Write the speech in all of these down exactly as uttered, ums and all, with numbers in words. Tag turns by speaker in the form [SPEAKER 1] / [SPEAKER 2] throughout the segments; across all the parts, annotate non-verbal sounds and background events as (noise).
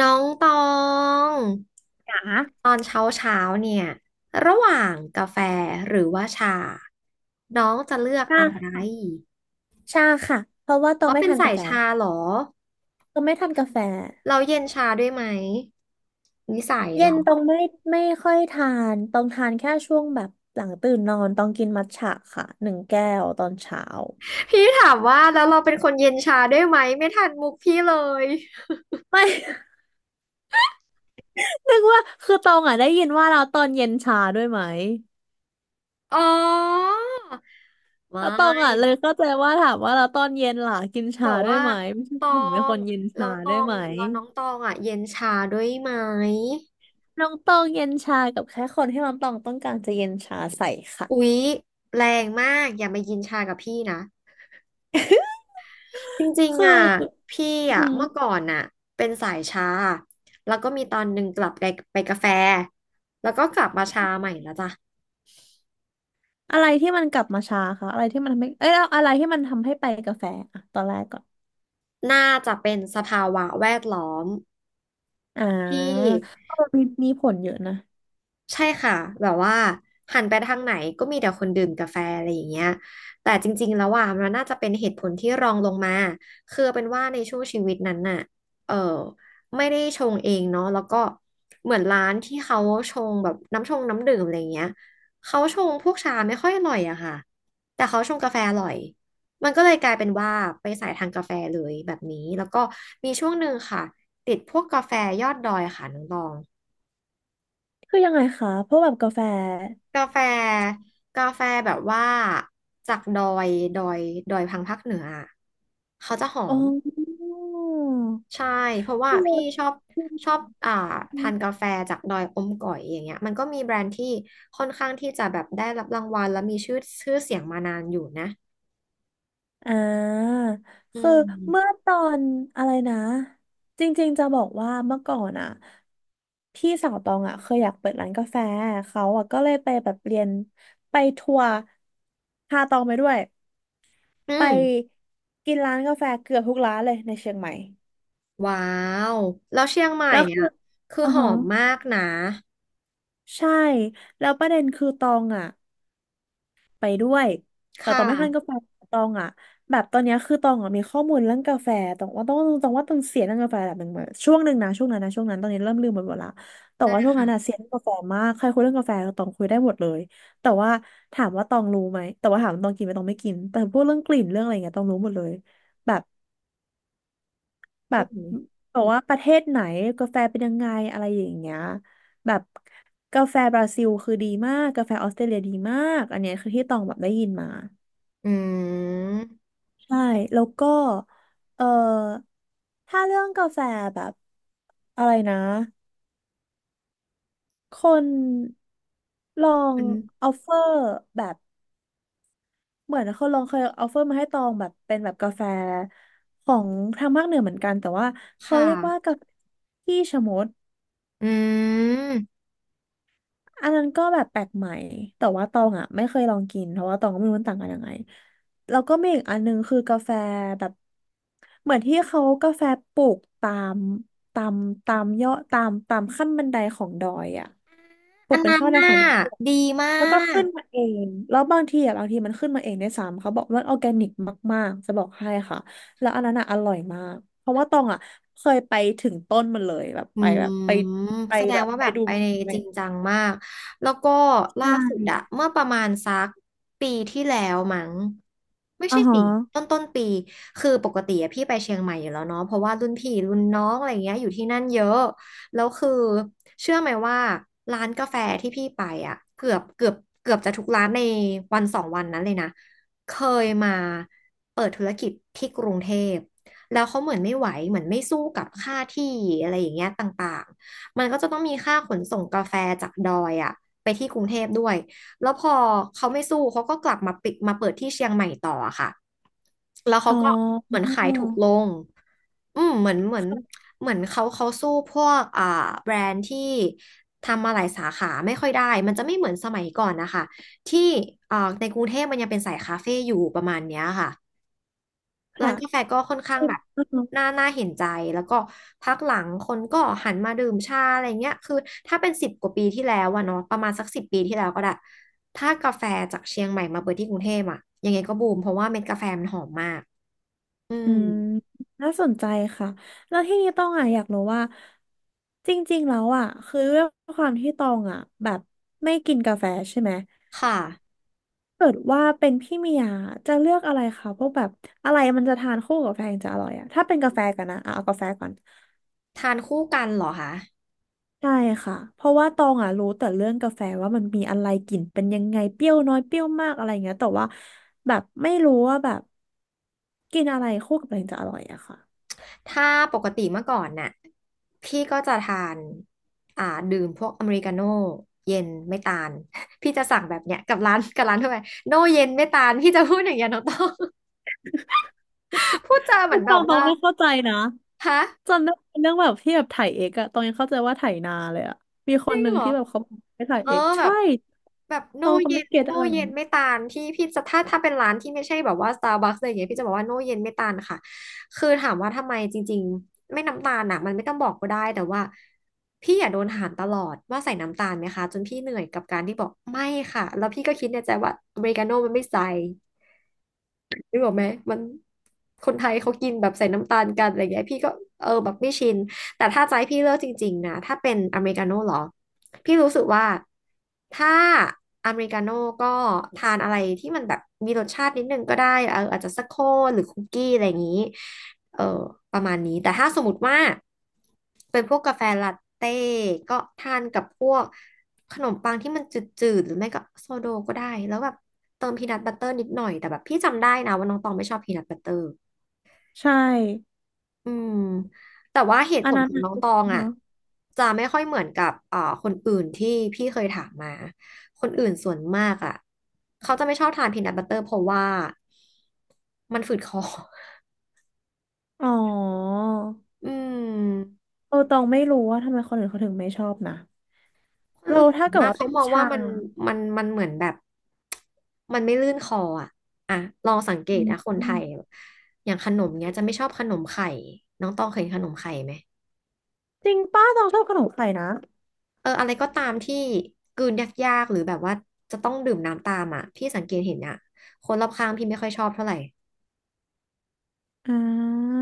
[SPEAKER 1] น้องตอง
[SPEAKER 2] อ่ะ
[SPEAKER 1] ตอนเช้าเช้าเนี่ยระหว่างกาแฟหรือว่าชาน้องจะเลือก
[SPEAKER 2] ชา
[SPEAKER 1] อะไร
[SPEAKER 2] ชาค่ะเพราะว่าตอ
[SPEAKER 1] อ๋
[SPEAKER 2] ง
[SPEAKER 1] อ
[SPEAKER 2] ไม่
[SPEAKER 1] เป็น
[SPEAKER 2] ทาน
[SPEAKER 1] สา
[SPEAKER 2] กา
[SPEAKER 1] ย
[SPEAKER 2] แฟ
[SPEAKER 1] ชาเหรอ
[SPEAKER 2] ตองไม่ทานกาแฟ
[SPEAKER 1] เราเย็นชาด้วยไหมนิสัย
[SPEAKER 2] เย็
[SPEAKER 1] เรา
[SPEAKER 2] นตองไม่ไม่ค่อยทานตองทานแค่ช่วงแบบหลังตื่นนอนตองกินมัทฉะค่ะหนึ่งแก้วตอนเช้า
[SPEAKER 1] พี่ถามว่าแล้วเราเป็นคนเย็นชาด้วยไหมไม่ทันมุกพี่เลย
[SPEAKER 2] ไม่ (laughs) นึกว่าคือตองอ่ะได้ยินว่าเราตอนเย็นชาด้วยไหม
[SPEAKER 1] อ๋อไม
[SPEAKER 2] แล้วตองอ่ะเล
[SPEAKER 1] ่
[SPEAKER 2] ยเข้าใจว่าถามว่าเราตอนเย็นล่ะกิน
[SPEAKER 1] บ
[SPEAKER 2] ชา
[SPEAKER 1] อก
[SPEAKER 2] ด้วย
[SPEAKER 1] ว่า
[SPEAKER 2] ไหมไม่ใช่
[SPEAKER 1] ตอ
[SPEAKER 2] ผมเป็นค
[SPEAKER 1] ง
[SPEAKER 2] นเย็น
[SPEAKER 1] เรา
[SPEAKER 2] ชา
[SPEAKER 1] ต
[SPEAKER 2] ด้
[SPEAKER 1] อ
[SPEAKER 2] วย
[SPEAKER 1] ง
[SPEAKER 2] ไหม
[SPEAKER 1] เราน้องตองอ่ะเย็นชาด้วยไหม
[SPEAKER 2] น้องตองเย็นชากับแค่คนที่น้องตองต้องการจะเย็นชาใส่ค่ะ
[SPEAKER 1] อุ๊ยแรงมากอย่ามายินชากับพี่นะ จริง
[SPEAKER 2] คือ
[SPEAKER 1] ๆอ่ะพี่อ่ะเมื่อก่อนอ่ะเป็นสายชาแล้วก็มีตอนหนึ่งกลับไปไปกาแฟแล้วก็กลับมาชาใหม่แล้วจ้ะ
[SPEAKER 2] อะไรที่มันกลับมาช้าคะอะไรที่มันทำให้เอ้ยเอาอะไรที่มันทำให้ไปกาแฟอะตอนแรกก่อน
[SPEAKER 1] น่าจะเป็นสภาวะแวดล้อม
[SPEAKER 2] อ่
[SPEAKER 1] ที่
[SPEAKER 2] าเออมีมีผลเยอะนะ
[SPEAKER 1] ใช่ค่ะแบบว่าหันไปทางไหนก็มีแต่คนดื่มกาแฟอะไรอย่างเงี้ยแต่จริงๆแล้วอ่ะมันน่าจะเป็นเหตุผลที่รองลงมาคือเป็นว่าในช่วงชีวิตนั้นน่ะเออไม่ได้ชงเองเนาะแล้วก็เหมือนร้านที่เขาชงแบบน้ำชงน้ำดื่มอะไรอย่างเงี้ยเขาชงพวกชาไม่ค่อยอร่อยอะค่ะแต่เขาชงกาแฟอร่อยมันก็เลยกลายเป็นว่าไปสายทางกาแฟเลยแบบนี้แล้วก็มีช่วงหนึ่งค่ะติดพวกกาแฟยอดดอยค่ะน้องตอง
[SPEAKER 2] คือยังไงคะเพราะแบบกาแฟ
[SPEAKER 1] กาแฟกาแฟแบบว่าจากดอยดอยดอยพังภาคเหนืออะเขาจะหอ
[SPEAKER 2] อ๋อ
[SPEAKER 1] มใช่เพราะว่าพี่ชอบชอบอ่าทานกาแฟ
[SPEAKER 2] (laughs)
[SPEAKER 1] จากดอยอมก๋อยอย่างเงี้ยมันก็มีแบรนด์ที่ค่อนข้างที่จะแบบได้รับรางวัลและมีชื่อชื่อเสียงมานานอยู่นะ
[SPEAKER 2] อ่า
[SPEAKER 1] อื
[SPEAKER 2] คือเมื่อ
[SPEAKER 1] ม
[SPEAKER 2] ตอนอะไรนะจริงๆจะบอกว่าเมื่อก่อนอะพี่สาวตองอะเคยอยากเปิดร้านกาแฟเขาอะก็เลยไปแบบเรียนไปทัวร์พาตองไปด้วย
[SPEAKER 1] อื
[SPEAKER 2] ไ
[SPEAKER 1] ม
[SPEAKER 2] ปกินร้านกาแฟเกือบทุกร้านเลยในเชียงใหม่
[SPEAKER 1] ว้าวแล้วเชียงใหม่
[SPEAKER 2] แล้วคือ
[SPEAKER 1] อ่ะคือ
[SPEAKER 2] อือ
[SPEAKER 1] หอ
[SPEAKER 2] ฮะ
[SPEAKER 1] มมากนะ
[SPEAKER 2] ใช่แล้วประเด็นคือตองอ่ะไปด้วยแต่ต
[SPEAKER 1] ค่ะ
[SPEAKER 2] องไม่ทานกาแฟตองอ่ะแบบตอนเนี้ยคือตองอ่ะมีข้อมูลเรื่องกาแฟตองว่าต้องตองว่าตองเสียเรื่องกาแฟแบบหนึ่งเหมือนช่วงหนึ่งนะช่วงนั้นนะช่วงนั้นตอนนี้เริ่มลืมหมดหมดละแต่ว่าช่
[SPEAKER 1] ได้
[SPEAKER 2] วงนั้นอ่ะเสียเรื่องกาแฟมากใครคุยเรื่องกาแฟตองคุยได้หมดเลยแต่ว่าถามว่าตองรู้ไหมแต่ว่าถามว่าตองกินไหมตองไม่กินแต่พวกเรื่องกลิ่นเรื่องอะไรเงี้ยตองรู้หมดเลยแบบ แบ
[SPEAKER 1] อื
[SPEAKER 2] บ
[SPEAKER 1] ม
[SPEAKER 2] บอกว่าประเทศไหนกาแฟเป็นยังไงอะไรอย่างเงี้ยแบบกาแฟบราซิลคือดีมากกาแฟออสเตรเลียดีมากอันเนี้ยคือที่ตองแบบได้ยินมา
[SPEAKER 1] อืม
[SPEAKER 2] ใช่แล้วก็เออถ้าเรื่องกาแฟแบบอะไรนะคนลอง
[SPEAKER 1] มัน
[SPEAKER 2] ออฟเฟอร์แบบเหมือนคนลองเคยออฟเฟอร์มาให้ตองแบบเป็นแบบกาแฟของทางภาคเหนือเหมือนกันแต่ว่าเขา
[SPEAKER 1] ค่ะ
[SPEAKER 2] เรียกว่ากาแฟขี้ชะมด
[SPEAKER 1] อืม
[SPEAKER 2] อันนั้นก็แบบแปลกใหม่แต่ว่าตองอ่ะไม่เคยลองกินเพราะว่าตองก็ไม่รู้มันต่างกันยังไงแล้วก็มีอีกอันนึงคือกาแฟแบบเหมือนที่เขากาแฟปลูกตามตามตามยอดตามตามขั้นบันไดของดอยอ่ะปลู
[SPEAKER 1] อั
[SPEAKER 2] ก
[SPEAKER 1] น
[SPEAKER 2] เป็น
[SPEAKER 1] นั้
[SPEAKER 2] ขั้
[SPEAKER 1] น
[SPEAKER 2] นบันไดขอ
[SPEAKER 1] น่ะ
[SPEAKER 2] งดอย
[SPEAKER 1] ดีมา
[SPEAKER 2] แล้วก็ขึ้
[SPEAKER 1] ก
[SPEAKER 2] นมาเองแล้วบางทีอ่ะบางทีมันขึ้นมาเองได้วยซ้ำเขาบอกว่าออร์แกนิกมากๆจะบอกให้ค่ะแล้วอันนั้นอ่ะอร่อยมากเพราะว่าตองอ่ะเคยไปถึงต้นมันเลยแบบ
[SPEAKER 1] อื
[SPEAKER 2] ไปแบ
[SPEAKER 1] ม
[SPEAKER 2] บไปไป
[SPEAKER 1] แสด
[SPEAKER 2] แบ
[SPEAKER 1] ง
[SPEAKER 2] บ
[SPEAKER 1] ว่า
[SPEAKER 2] ไป
[SPEAKER 1] แบบ
[SPEAKER 2] ดู
[SPEAKER 1] ไป
[SPEAKER 2] มันเล
[SPEAKER 1] จ
[SPEAKER 2] ย
[SPEAKER 1] ริงจังมากแล้วก็ล่า
[SPEAKER 2] ใช่
[SPEAKER 1] สุดอะเมื่อประมาณสักปีที่แล้วมั้งไม่
[SPEAKER 2] อ๋อ
[SPEAKER 1] ใช่
[SPEAKER 2] ฮะ
[SPEAKER 1] สิต้นต้นปีคือปกติอะพี่ไปเชียงใหม่อยู่แล้วเนาะเพราะว่ารุ่นพี่รุ่นน้องอะไรเงี้ยอยู่ที่นั่นเยอะแล้วคือเชื่อไหมว่าร้านกาแฟที่พี่ไปอะเกือบเกือบเกือบจะทุกร้านในวันสองวันนั้นเลยนะเคยมาเปิดธุรกิจที่กรุงเทพ แล้วเขาเหมือนไม่ไหวเหมือนไม่สู้กับค่าที่อะไรอย่างเงี้ยต่างๆมันก็จะต้องมีค่าขนส่งกาแฟจากดอยอะไปที่กรุงเทพด้วยแล้วพอเขาไม่สู้เขาก็กลับมาปิดมาเปิดที่เชียงใหม่ต่ออะค่ะแล้ว
[SPEAKER 2] อ๋
[SPEAKER 1] เขาก็เหมือ
[SPEAKER 2] อ
[SPEAKER 1] นขายถูกลงอืมเหมือนเหมือนเหมือนเขาเขาสู้พวกอ่าแบรนด์ที่ทำมาหลายสาขาไม่ค่อยได้มันจะไม่เหมือนสมัยก่อนนะคะที่อ่าในกรุงเทพมันยังเป็นสายคาเฟ่อยู่ประมาณเนี้ยค่ะ ร้า
[SPEAKER 2] ค่ะ
[SPEAKER 1] นกาแฟก็ค่อนข้า
[SPEAKER 2] อื
[SPEAKER 1] ง
[SPEAKER 2] ม
[SPEAKER 1] แบบ
[SPEAKER 2] อืม
[SPEAKER 1] น่าน่าเห็นใจแล้วก็พักหลังคนก็หันมาดื่มชาอะไรเงี้ยคือถ้าเป็นสิบกว่าปีที่แล้วอะเนาะประมาณสักสิบปีที่แล้วก็ได้ถ้ากาแฟจากเชียงใหม่มาเปิดที่กรุงเทพอะยังไงก็บูมเพราะว่าเม็ดกาแฟมันหอมมากอื
[SPEAKER 2] อื
[SPEAKER 1] ม
[SPEAKER 2] มน่าสนใจค่ะ แล้วที่นี้ต้องอ่ะอยากรู้ว่า จริงๆ แล้วอ่ะคือเรื่องความที่ตองอ่ะแบบไม่กินกาแฟใช่ไหม
[SPEAKER 1] ค่ะ
[SPEAKER 2] เกิดว่าเป็นพี่เมียจะเลือกอะไรคะพวกแบบอะไรมันจะทานคู่กับกาแฟจะอร่อยอ่ะถ้าเป็นกาแฟกันนะอ่ะเอากาแฟก่อน
[SPEAKER 1] ทานคู่กันเหรอคะ
[SPEAKER 2] ใช่ค่ะเพราะว่าตองอ่ะรู้แต่เรื่องกาแฟว่ามันมีอะไรกลิ่นเป็นยังไงเปรี้ยวน้อยเปรี้ยวมากอะไรเงี้ยแต่ว่าแบบไม่รู้ว่าแบบกินอะไรคู่กับอะไรถึงจะอร่อยอะค่ะ
[SPEAKER 1] ถ้าปกติเมื่อก่อนน่ะพี่ก็จะทานอ่าดื่มพวกอเมริกาโน่เย็นไม่ตาล (laughs) พี่จะสั่งแบบเนี้ยกับร้านกับร้านทั่วไปโน่เย็นไม่ตาลพี่จะพูดอย่างเงี้ยน้องต้อง (laughs) พูดจา
[SPEAKER 2] (laughs)
[SPEAKER 1] เหมื
[SPEAKER 2] คุ
[SPEAKER 1] อน
[SPEAKER 2] ณต
[SPEAKER 1] แบ
[SPEAKER 2] อ
[SPEAKER 1] บ
[SPEAKER 2] งตอ
[SPEAKER 1] ว่า
[SPEAKER 2] งไม่เข้าใจนะ
[SPEAKER 1] ฮะ
[SPEAKER 2] จำได้เป็นเรื่องแบบที่แบบถ่ายเอกอะตองยังเข้าใจว่าถ่ายนาเลยอะมีค
[SPEAKER 1] จ
[SPEAKER 2] น
[SPEAKER 1] ริ
[SPEAKER 2] ห
[SPEAKER 1] ง
[SPEAKER 2] นึ่ง
[SPEAKER 1] เหรอ
[SPEAKER 2] ที่แบบเขาไปถ่าย
[SPEAKER 1] เออ
[SPEAKER 2] เอก
[SPEAKER 1] แบ
[SPEAKER 2] ใช่
[SPEAKER 1] บแบบโน
[SPEAKER 2] ตองเขา
[SPEAKER 1] เย็
[SPEAKER 2] ไม่
[SPEAKER 1] น
[SPEAKER 2] เก็ต
[SPEAKER 1] โน
[SPEAKER 2] อะไรอย่า
[SPEAKER 1] เย็
[SPEAKER 2] ง
[SPEAKER 1] น
[SPEAKER 2] งี้
[SPEAKER 1] ไม่ตาลพี่พี่จะถ้าถ้าเป็นร้านที่ไม่ใช่แบบว่า Starbucks อะไรอย่างเงี้ยพี่จะบอกว่าโนเย็นไม่ตาลค่ะคือถามว่าทำไมจริงๆไม่น้ำตาลอ่ะมันไม่ต้องบอกก็ได้แต่ว่าพี่อย่าโดนถามตลอดว่าใส่น้ำตาลไหมคะจนพี่เหนื่อยกับการที่บอกไม่ค่ะแล้วพี่ก็คิดในใจว่าอเมริกาโน่มันไม่ใส่ นึกออกไหมมันคนไทยเขากินแบบใส่น้ำตาลกันอะไรเงี้ยพี่ก็เออแบบไม่ชินแต่ถ้าใจะให้พี่เลือกจริงๆนะถ้าเป็นอเมริกาโน่เหรอพี่รู้สึกว่าถ้าอเมริกาโน่ก็ทานอะไรที่มันแบบมีรสชาตินิดนึงก็ได้เอออาจจะสกโคกหรือคุกกี้อะไรอย่างนี้ เออประมาณนี้แต่ถ้าสมมติว่าเป็นพวกกาแฟลาเต้ก็ทานกับพวกขนมปังที่มันจืดๆหรือไม่ก็โซโดก็ได้แล้วแบบเติมพีนัทบัตเตอร์นิดหน่อยแต่แบบพี่จำได้นะว่าน้องตองไม่ชอบพีนัทบัตเตอร์
[SPEAKER 2] ใช่
[SPEAKER 1] อืมแต่ว่าเหตุ
[SPEAKER 2] อั
[SPEAKER 1] ผ
[SPEAKER 2] น
[SPEAKER 1] ล
[SPEAKER 2] นั้
[SPEAKER 1] ข
[SPEAKER 2] น
[SPEAKER 1] อง
[SPEAKER 2] อะ
[SPEAKER 1] น้องตองอ่ะ
[SPEAKER 2] เนาะ
[SPEAKER 1] จะไม่ค่อยเหมือนกับเอ่อคนอื่นที่พี่เคยถามมาคนอื่นส่วนมากอ่ะเขาจะไม่ชอบทานพีนัทบัตเตอร์เพราะว่ามันฝืดคอ (laughs)
[SPEAKER 2] อ๋อ
[SPEAKER 1] อืม
[SPEAKER 2] เออตองไม่รู้ว่าทำไมคนอื่นเขาถึงไม่ชอบนะ
[SPEAKER 1] คน
[SPEAKER 2] เรา
[SPEAKER 1] อื่น
[SPEAKER 2] ถ้าเกิด
[SPEAKER 1] มาก
[SPEAKER 2] ว่า
[SPEAKER 1] เขา
[SPEAKER 2] เป็น
[SPEAKER 1] มองว่า
[SPEAKER 2] ชา
[SPEAKER 1] มันมันมันเหมือนแบบมันไม่ลื่นคออ่ะอ่ะลองสังเก
[SPEAKER 2] อื
[SPEAKER 1] ตนะคนไทย
[SPEAKER 2] ม
[SPEAKER 1] อย่างขนมเนี้ยจะไม่ชอบขนมไข่น้องต้องเคยเห็นขนมไข่ไหม
[SPEAKER 2] จริงป้าต้องชอบขนมไข่นะ
[SPEAKER 1] เอออะไรก็ตามที่กลืนยากๆหรือแบบว่าจะต้องดื่มน้ำตามอ่ะพี่สังเกตเห็นอ่ะคนรอบข้างพี่ไม่ค่อยชอบเท่าไหร่
[SPEAKER 2] อ่า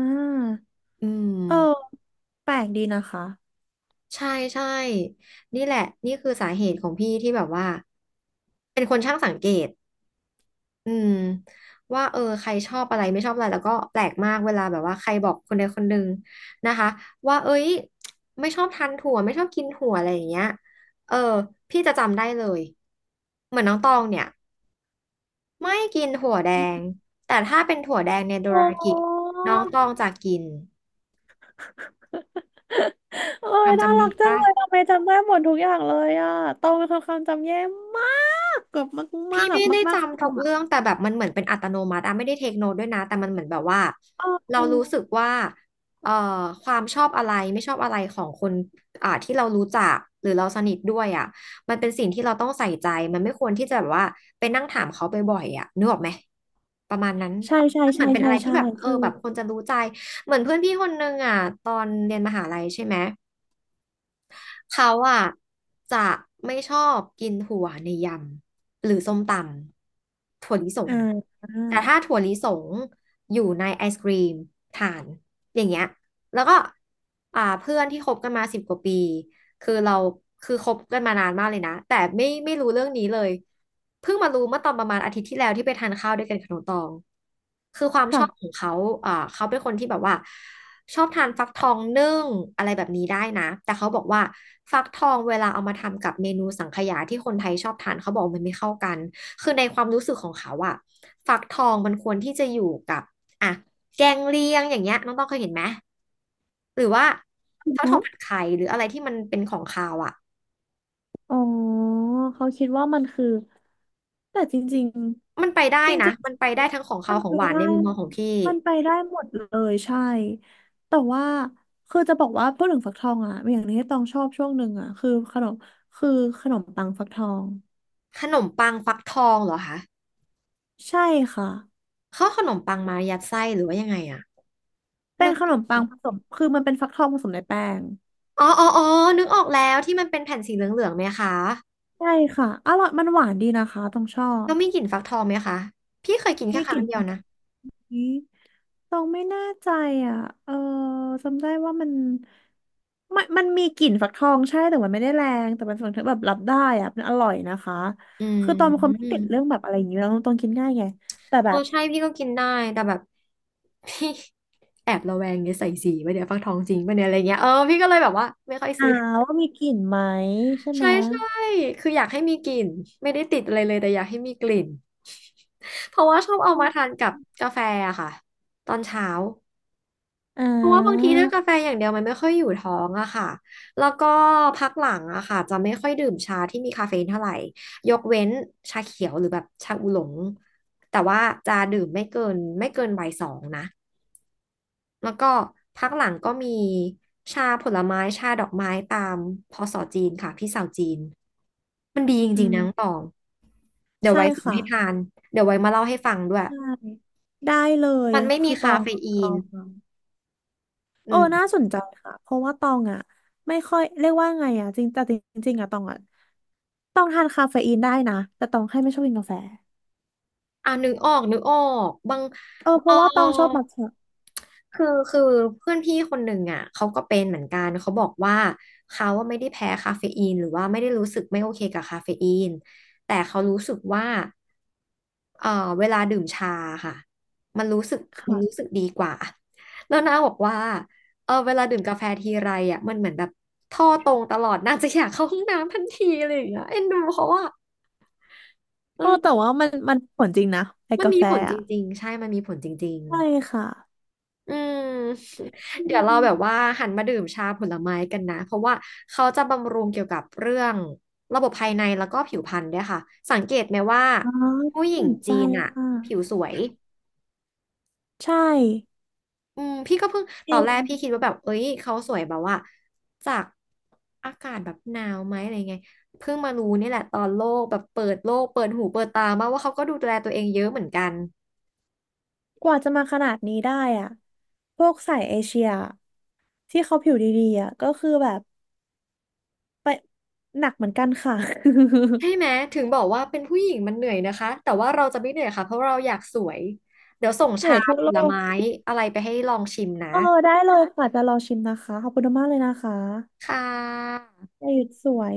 [SPEAKER 1] อื
[SPEAKER 2] เออ
[SPEAKER 1] ม
[SPEAKER 2] แปลกดีนะคะ
[SPEAKER 1] ใช่ใช่นี่แหละนี่คือสาเหตุของพี่ที่แบบว่าเป็นคนช่างสังเกต อืมว่าเออใครชอบอะไรไม่ชอบอะไรแล้วก็แปลกมากเวลาแบบว่าใครบอกคนใดคนหนึ่งนะคะว่าเอ้ยไม่ชอบทานถั่วไม่ชอบกินถั่วอะไรอย่างเงี้ยเออพี่จะจำได้เลยเหมือนน้องตองเนี่ยไม่กินถั่วแดงแต่ถ้าเป็นถั่วแดงในโด
[SPEAKER 2] โอ้
[SPEAKER 1] รากิ
[SPEAKER 2] (laughs)
[SPEAKER 1] น้องตองจะกิน
[SPEAKER 2] เอ้ย
[SPEAKER 1] จำ
[SPEAKER 2] น่า
[SPEAKER 1] จำ
[SPEAKER 2] รั
[SPEAKER 1] ดี
[SPEAKER 2] กจัง
[SPEAKER 1] ป่ะ
[SPEAKER 2] เลยทำไมจำได้หมดทุกอย่างเลยอ่ะตองเป็นคนความจำแย่มากกับมากมา
[SPEAKER 1] พี่
[SPEAKER 2] กกับ
[SPEAKER 1] ไม่
[SPEAKER 2] มา
[SPEAKER 1] ได้
[SPEAKER 2] กมาก
[SPEAKER 1] จำ
[SPEAKER 2] ๆต้
[SPEAKER 1] ทุ
[SPEAKER 2] อ
[SPEAKER 1] ก
[SPEAKER 2] งอ่ะ
[SPEAKER 1] เรื่องแต่แบบมันเหมือนเป็นอัตโนมัติอะไม่ได้เทคโนตด้วยนะแต่มันเหมือนแบบว่า
[SPEAKER 2] เอ
[SPEAKER 1] เรารู้
[SPEAKER 2] อ
[SPEAKER 1] สึกว่าเอ่อความชอบอะไรไม่ชอบอะไรของคนอ่าที่เรารู้จักหรือเราสนิทด้วยอะมันเป็นสิ่งที่เราต้องใส่ใจมันไม่ควรที่จะแบบว่าไปนั่งถามเขาไปบ่อยๆอะนึกออกไหมประมาณนั้น
[SPEAKER 2] ใช่ใช่
[SPEAKER 1] มันเหมื
[SPEAKER 2] ใช่
[SPEAKER 1] อนเป็น
[SPEAKER 2] ใช่
[SPEAKER 1] อะไรที่
[SPEAKER 2] ใช่
[SPEAKER 1] แบบเออ
[SPEAKER 2] คือ
[SPEAKER 1] แบบคนจะรู้ใจเหมือนเพื่อนพี่คนนึงอะตอนเรียนมหาลัยใช่ไหม เขาอ่ะจะไม่ชอบกินถั่วในยำหรือส้มตำถั่วลิสง
[SPEAKER 2] อ่า
[SPEAKER 1] แต่ถ้าถั่วลิสงอยู่ในไอศกรีมทานอย่างเงี้ยแล้วก็อ่าเพื่อนที่คบกันมาสิบกว่าปี คือเราคือคบกันมานานมากเลยนะแต่ไม่ไม่รู้เรื่องนี้เลยเพิ่งมารู้เมื่อตอนประมาณอาทิตย์ที่แล้วที่ไปทานข้าวด้วยกันขนมตองคือความช
[SPEAKER 2] ค่ะ
[SPEAKER 1] อบของเขาอ่าเขาเป็นคนที่แบบว่าชอบทานฟักทองนึ่งอะไรแบบนี้ได้นะแต่เขาบอกว่าฟักทองเวลาเอามาทำกับเมนูสังขยาที่คนไทยชอบทานเขาบอกมันไม่เข้ากันคือในความรู้สึกของเขาอะฟักทองมันควรที่จะอยู่กับอ่ะ แกงเลียงอย่างเงี้ยน้องต้องเคยเห็นไหมหรือว่าข้าวทองผัดไข่หรืออะไรที่มันเป็นของคาวอ่ะ
[SPEAKER 2] อ๋อเขาคิดว่ามันคือแต่จริง
[SPEAKER 1] มันไปได้
[SPEAKER 2] ๆจ
[SPEAKER 1] นะ
[SPEAKER 2] ริง
[SPEAKER 1] มันไปได้ทั้งของ
[SPEAKER 2] ๆมั
[SPEAKER 1] คาว
[SPEAKER 2] น
[SPEAKER 1] ของ
[SPEAKER 2] ไป
[SPEAKER 1] หวาน
[SPEAKER 2] ได้
[SPEAKER 1] ในมุมมองของพี่
[SPEAKER 2] มันไปได้หมดเลยใช่แต่ว่าคือจะบอกว่าพูดถึงฟักทองอะอย่างหนึงที่ต้องชอบช่วงหนึ่งอะคือขนมคือขนมปังฟักทอง
[SPEAKER 1] ขนมปังฟักทองเหรอคะ
[SPEAKER 2] ใช่ค่ะ
[SPEAKER 1] เขาเอาขนมปังมายัดไส้หรือว่ายังไงอ่ะ
[SPEAKER 2] เป็
[SPEAKER 1] นึ
[SPEAKER 2] น
[SPEAKER 1] ก
[SPEAKER 2] ขน
[SPEAKER 1] ไม่
[SPEAKER 2] ม
[SPEAKER 1] อ
[SPEAKER 2] ปั
[SPEAKER 1] อ
[SPEAKER 2] ง
[SPEAKER 1] ก
[SPEAKER 2] ผสมคือมันเป็นฟักทองผสมในแป้ง
[SPEAKER 1] อ๋ออ๋ออ๋อนึกออกแล้วที่มันเป็นแผ่นสีเหลืองๆไหมคะ
[SPEAKER 2] ใช่ค่ะอร่อยมันหวานดีนะคะต้องชอบ
[SPEAKER 1] แล้วมีกลิ่นฟักทองไหมคะพี่เคยกินแค่
[SPEAKER 2] มี
[SPEAKER 1] ค
[SPEAKER 2] ก
[SPEAKER 1] รั้
[SPEAKER 2] ลิ่
[SPEAKER 1] ง
[SPEAKER 2] น
[SPEAKER 1] เดียวนะ
[SPEAKER 2] (laughs) ต้องไม่แน่ใจอ่ะเออจำได้ว่ามันมันมันมีกลิ่นฟักทองใช่แต่มันไม่ได้แรง แต่มันฟังถึงแบบรับได้อ่ะมันอร่อยนะคะ
[SPEAKER 1] อื
[SPEAKER 2] คือตองเป็นคนไม่ติดเรื่
[SPEAKER 1] ม
[SPEAKER 2] องแบบอะไรอย่างนี้ยแล้วตองกินง่ายไง แต่
[SPEAKER 1] เอ
[SPEAKER 2] แบ
[SPEAKER 1] อ
[SPEAKER 2] บ
[SPEAKER 1] ใช่พี่ก็กินได้แต่แบบ (laughs) พี่แอบระแวงเนี่ยใส่สีไปเนี่ยวฟักทองจริงปะเนี่ยอะไรเงี้ยเออพี่ก็เลยแบบว่าไม่ค่อย
[SPEAKER 2] อ่า
[SPEAKER 1] ซื้อ
[SPEAKER 2] ว่ามีกลิ่นไหมใช่ไหม
[SPEAKER 1] ใช่ใช่คืออยากให้มีกลิ่นไม่ได้ติดอะไรเลยแต่อยากให้มีกลิ่น (laughs) เพราะว่าชอบ
[SPEAKER 2] อื
[SPEAKER 1] เอามา
[SPEAKER 2] ม
[SPEAKER 1] ทานกับกาแฟอะค่ะตอนเช้า
[SPEAKER 2] อ่
[SPEAKER 1] เพราะว่าบางที
[SPEAKER 2] า
[SPEAKER 1] ถ้ากาแฟอย่างเดียวมันไม่ค่อยอยู่ท้องอะค่ะแล้วก็พักหลังอะค่ะจะไม่ค่อยดื่มชาที่มีคาเฟอีนเท่าไหร่ยกเว้นชาเขียวหรือแบบชาอูหลงแต่ว่าจะดื่มไม่เกินไม่เกินบ่ายสองนะ แล้วก็พักหลังก็มีชาผลไม้ชาดอกไม้ตามพศจีนค่ะพี่สาวจีนมันดีจ
[SPEAKER 2] อื
[SPEAKER 1] ริงๆ
[SPEAKER 2] ม
[SPEAKER 1] นะน้องตองเดี๋ยว
[SPEAKER 2] ใช่
[SPEAKER 1] ไว้ส่ง
[SPEAKER 2] ค่ะ
[SPEAKER 1] ให้ทานเดี๋ยวไว้มาเล่าให้ฟังด้วย
[SPEAKER 2] ใช่ได้เลย
[SPEAKER 1] มันไม่มี
[SPEAKER 2] คือตอ
[SPEAKER 1] คา
[SPEAKER 2] ง
[SPEAKER 1] เฟอี
[SPEAKER 2] ลอ
[SPEAKER 1] น
[SPEAKER 2] งฟัง เออ
[SPEAKER 1] อืม
[SPEAKER 2] น่าสนใจค่ะเพราะว่าตองอ่ะไม่ค่อยเรียกว่าไงอ่ะจริงแต่จริงๆอ่ะตองอ่ะตองทานคาเฟอีนได้นะแต่ตองแค่ไม่ชอบกินกาแฟ
[SPEAKER 1] อ่านึกออกนึกออกบาง
[SPEAKER 2] เออเพ
[SPEAKER 1] อ๋อ
[SPEAKER 2] ราะว่าตองชอบมัทฉะ
[SPEAKER 1] คือคือเพื่อนพี่คนหนึ่งอ่ะเขาก็เป็นเหมือนกันเขาบอกว่าเขาว่าไม่ได้แพ้คาเฟอีนหรือว่าไม่ได้รู้สึกไม่โอเคกับคาเฟอีนแต่เขารู้สึกว่าเอ่อเวลาดื่มชาค่ะมันรู้สึกมันรู้
[SPEAKER 2] ค่ะ
[SPEAKER 1] สึกดีกว่าแล้วน้าบอกว่าเออเวลาดื่มกาแฟทีไรอ่ะมันเหมือนแบบท่อตรงตลอดน่าจะอยากเข้าห้องน้ำทันทีเลยอย่างเงี้ยเอ็นดูเขาอ่ะเออ
[SPEAKER 2] เออแต่
[SPEAKER 1] ม
[SPEAKER 2] ว่ามันมันผลจริงนะไอ้
[SPEAKER 1] มัน
[SPEAKER 2] กา
[SPEAKER 1] มี
[SPEAKER 2] แฟ
[SPEAKER 1] ผลจ
[SPEAKER 2] อ่ะ
[SPEAKER 1] ริงๆใช่มันมีผลจริง
[SPEAKER 2] ใช่ค่ะ
[SPEAKER 1] อืม
[SPEAKER 2] อื
[SPEAKER 1] (laughs) เดี๋ยวเราแบบว่า
[SPEAKER 2] ม
[SPEAKER 1] หันมาดื่มชาผลไม้กันนะเพราะว่าเขาจะบำรุงเกี่ยวกับเรื่องระบบภายในแล้วก็ผิวพรรณด้วยค่ะสังเกตไหมว่า
[SPEAKER 2] อ๋อ
[SPEAKER 1] ผู้
[SPEAKER 2] น่า
[SPEAKER 1] ห
[SPEAKER 2] ส
[SPEAKER 1] ญิง
[SPEAKER 2] นใจ
[SPEAKER 1] จีนอะ
[SPEAKER 2] ค่ะ
[SPEAKER 1] ผิวสวย
[SPEAKER 2] ใช่
[SPEAKER 1] อืมพี่ก็เพิ่ง
[SPEAKER 2] จ
[SPEAKER 1] ต
[SPEAKER 2] ริ
[SPEAKER 1] อน
[SPEAKER 2] ง
[SPEAKER 1] แรกพี่คิดว่าแบบเอ้ยเขาสวยแบบว่าจากอากาศแบบหนาวไหมอะไรไงเพิ่งมารู้นี่แหละตอนโลกแบบเปิดโลกเปิดหูเปิดตามาว่าเขาก็ดูแลตัวเองเยอะเหมือนกัน
[SPEAKER 2] กว่าจะมาขนาดนี้ได้อ่ะพวกสายเอเชียที่เขาผิวดีๆอ่ะก็คือแบบไปหนักเหมือนกันค่ะ
[SPEAKER 1] ใช่ไหมถึงบอกว่าเป็นผู้หญิงมันเหนื่อยนะคะแต่ว่าเราจะไม่เหนื่อยค่ะเพราะเราอยากสวยเดี๋ยวส่
[SPEAKER 2] (laughs)
[SPEAKER 1] ง
[SPEAKER 2] เหนื่
[SPEAKER 1] ชา
[SPEAKER 2] อยทั่ว
[SPEAKER 1] ผ
[SPEAKER 2] โล
[SPEAKER 1] ล
[SPEAKER 2] ก
[SPEAKER 1] ไม้อะไรไปให้ลองชิมนะ
[SPEAKER 2] เออได้เลยค่ะจะรอชิมนะคะขอบคุณมากเลยนะคะ
[SPEAKER 1] ค่ะ
[SPEAKER 2] ได้หยุดสวย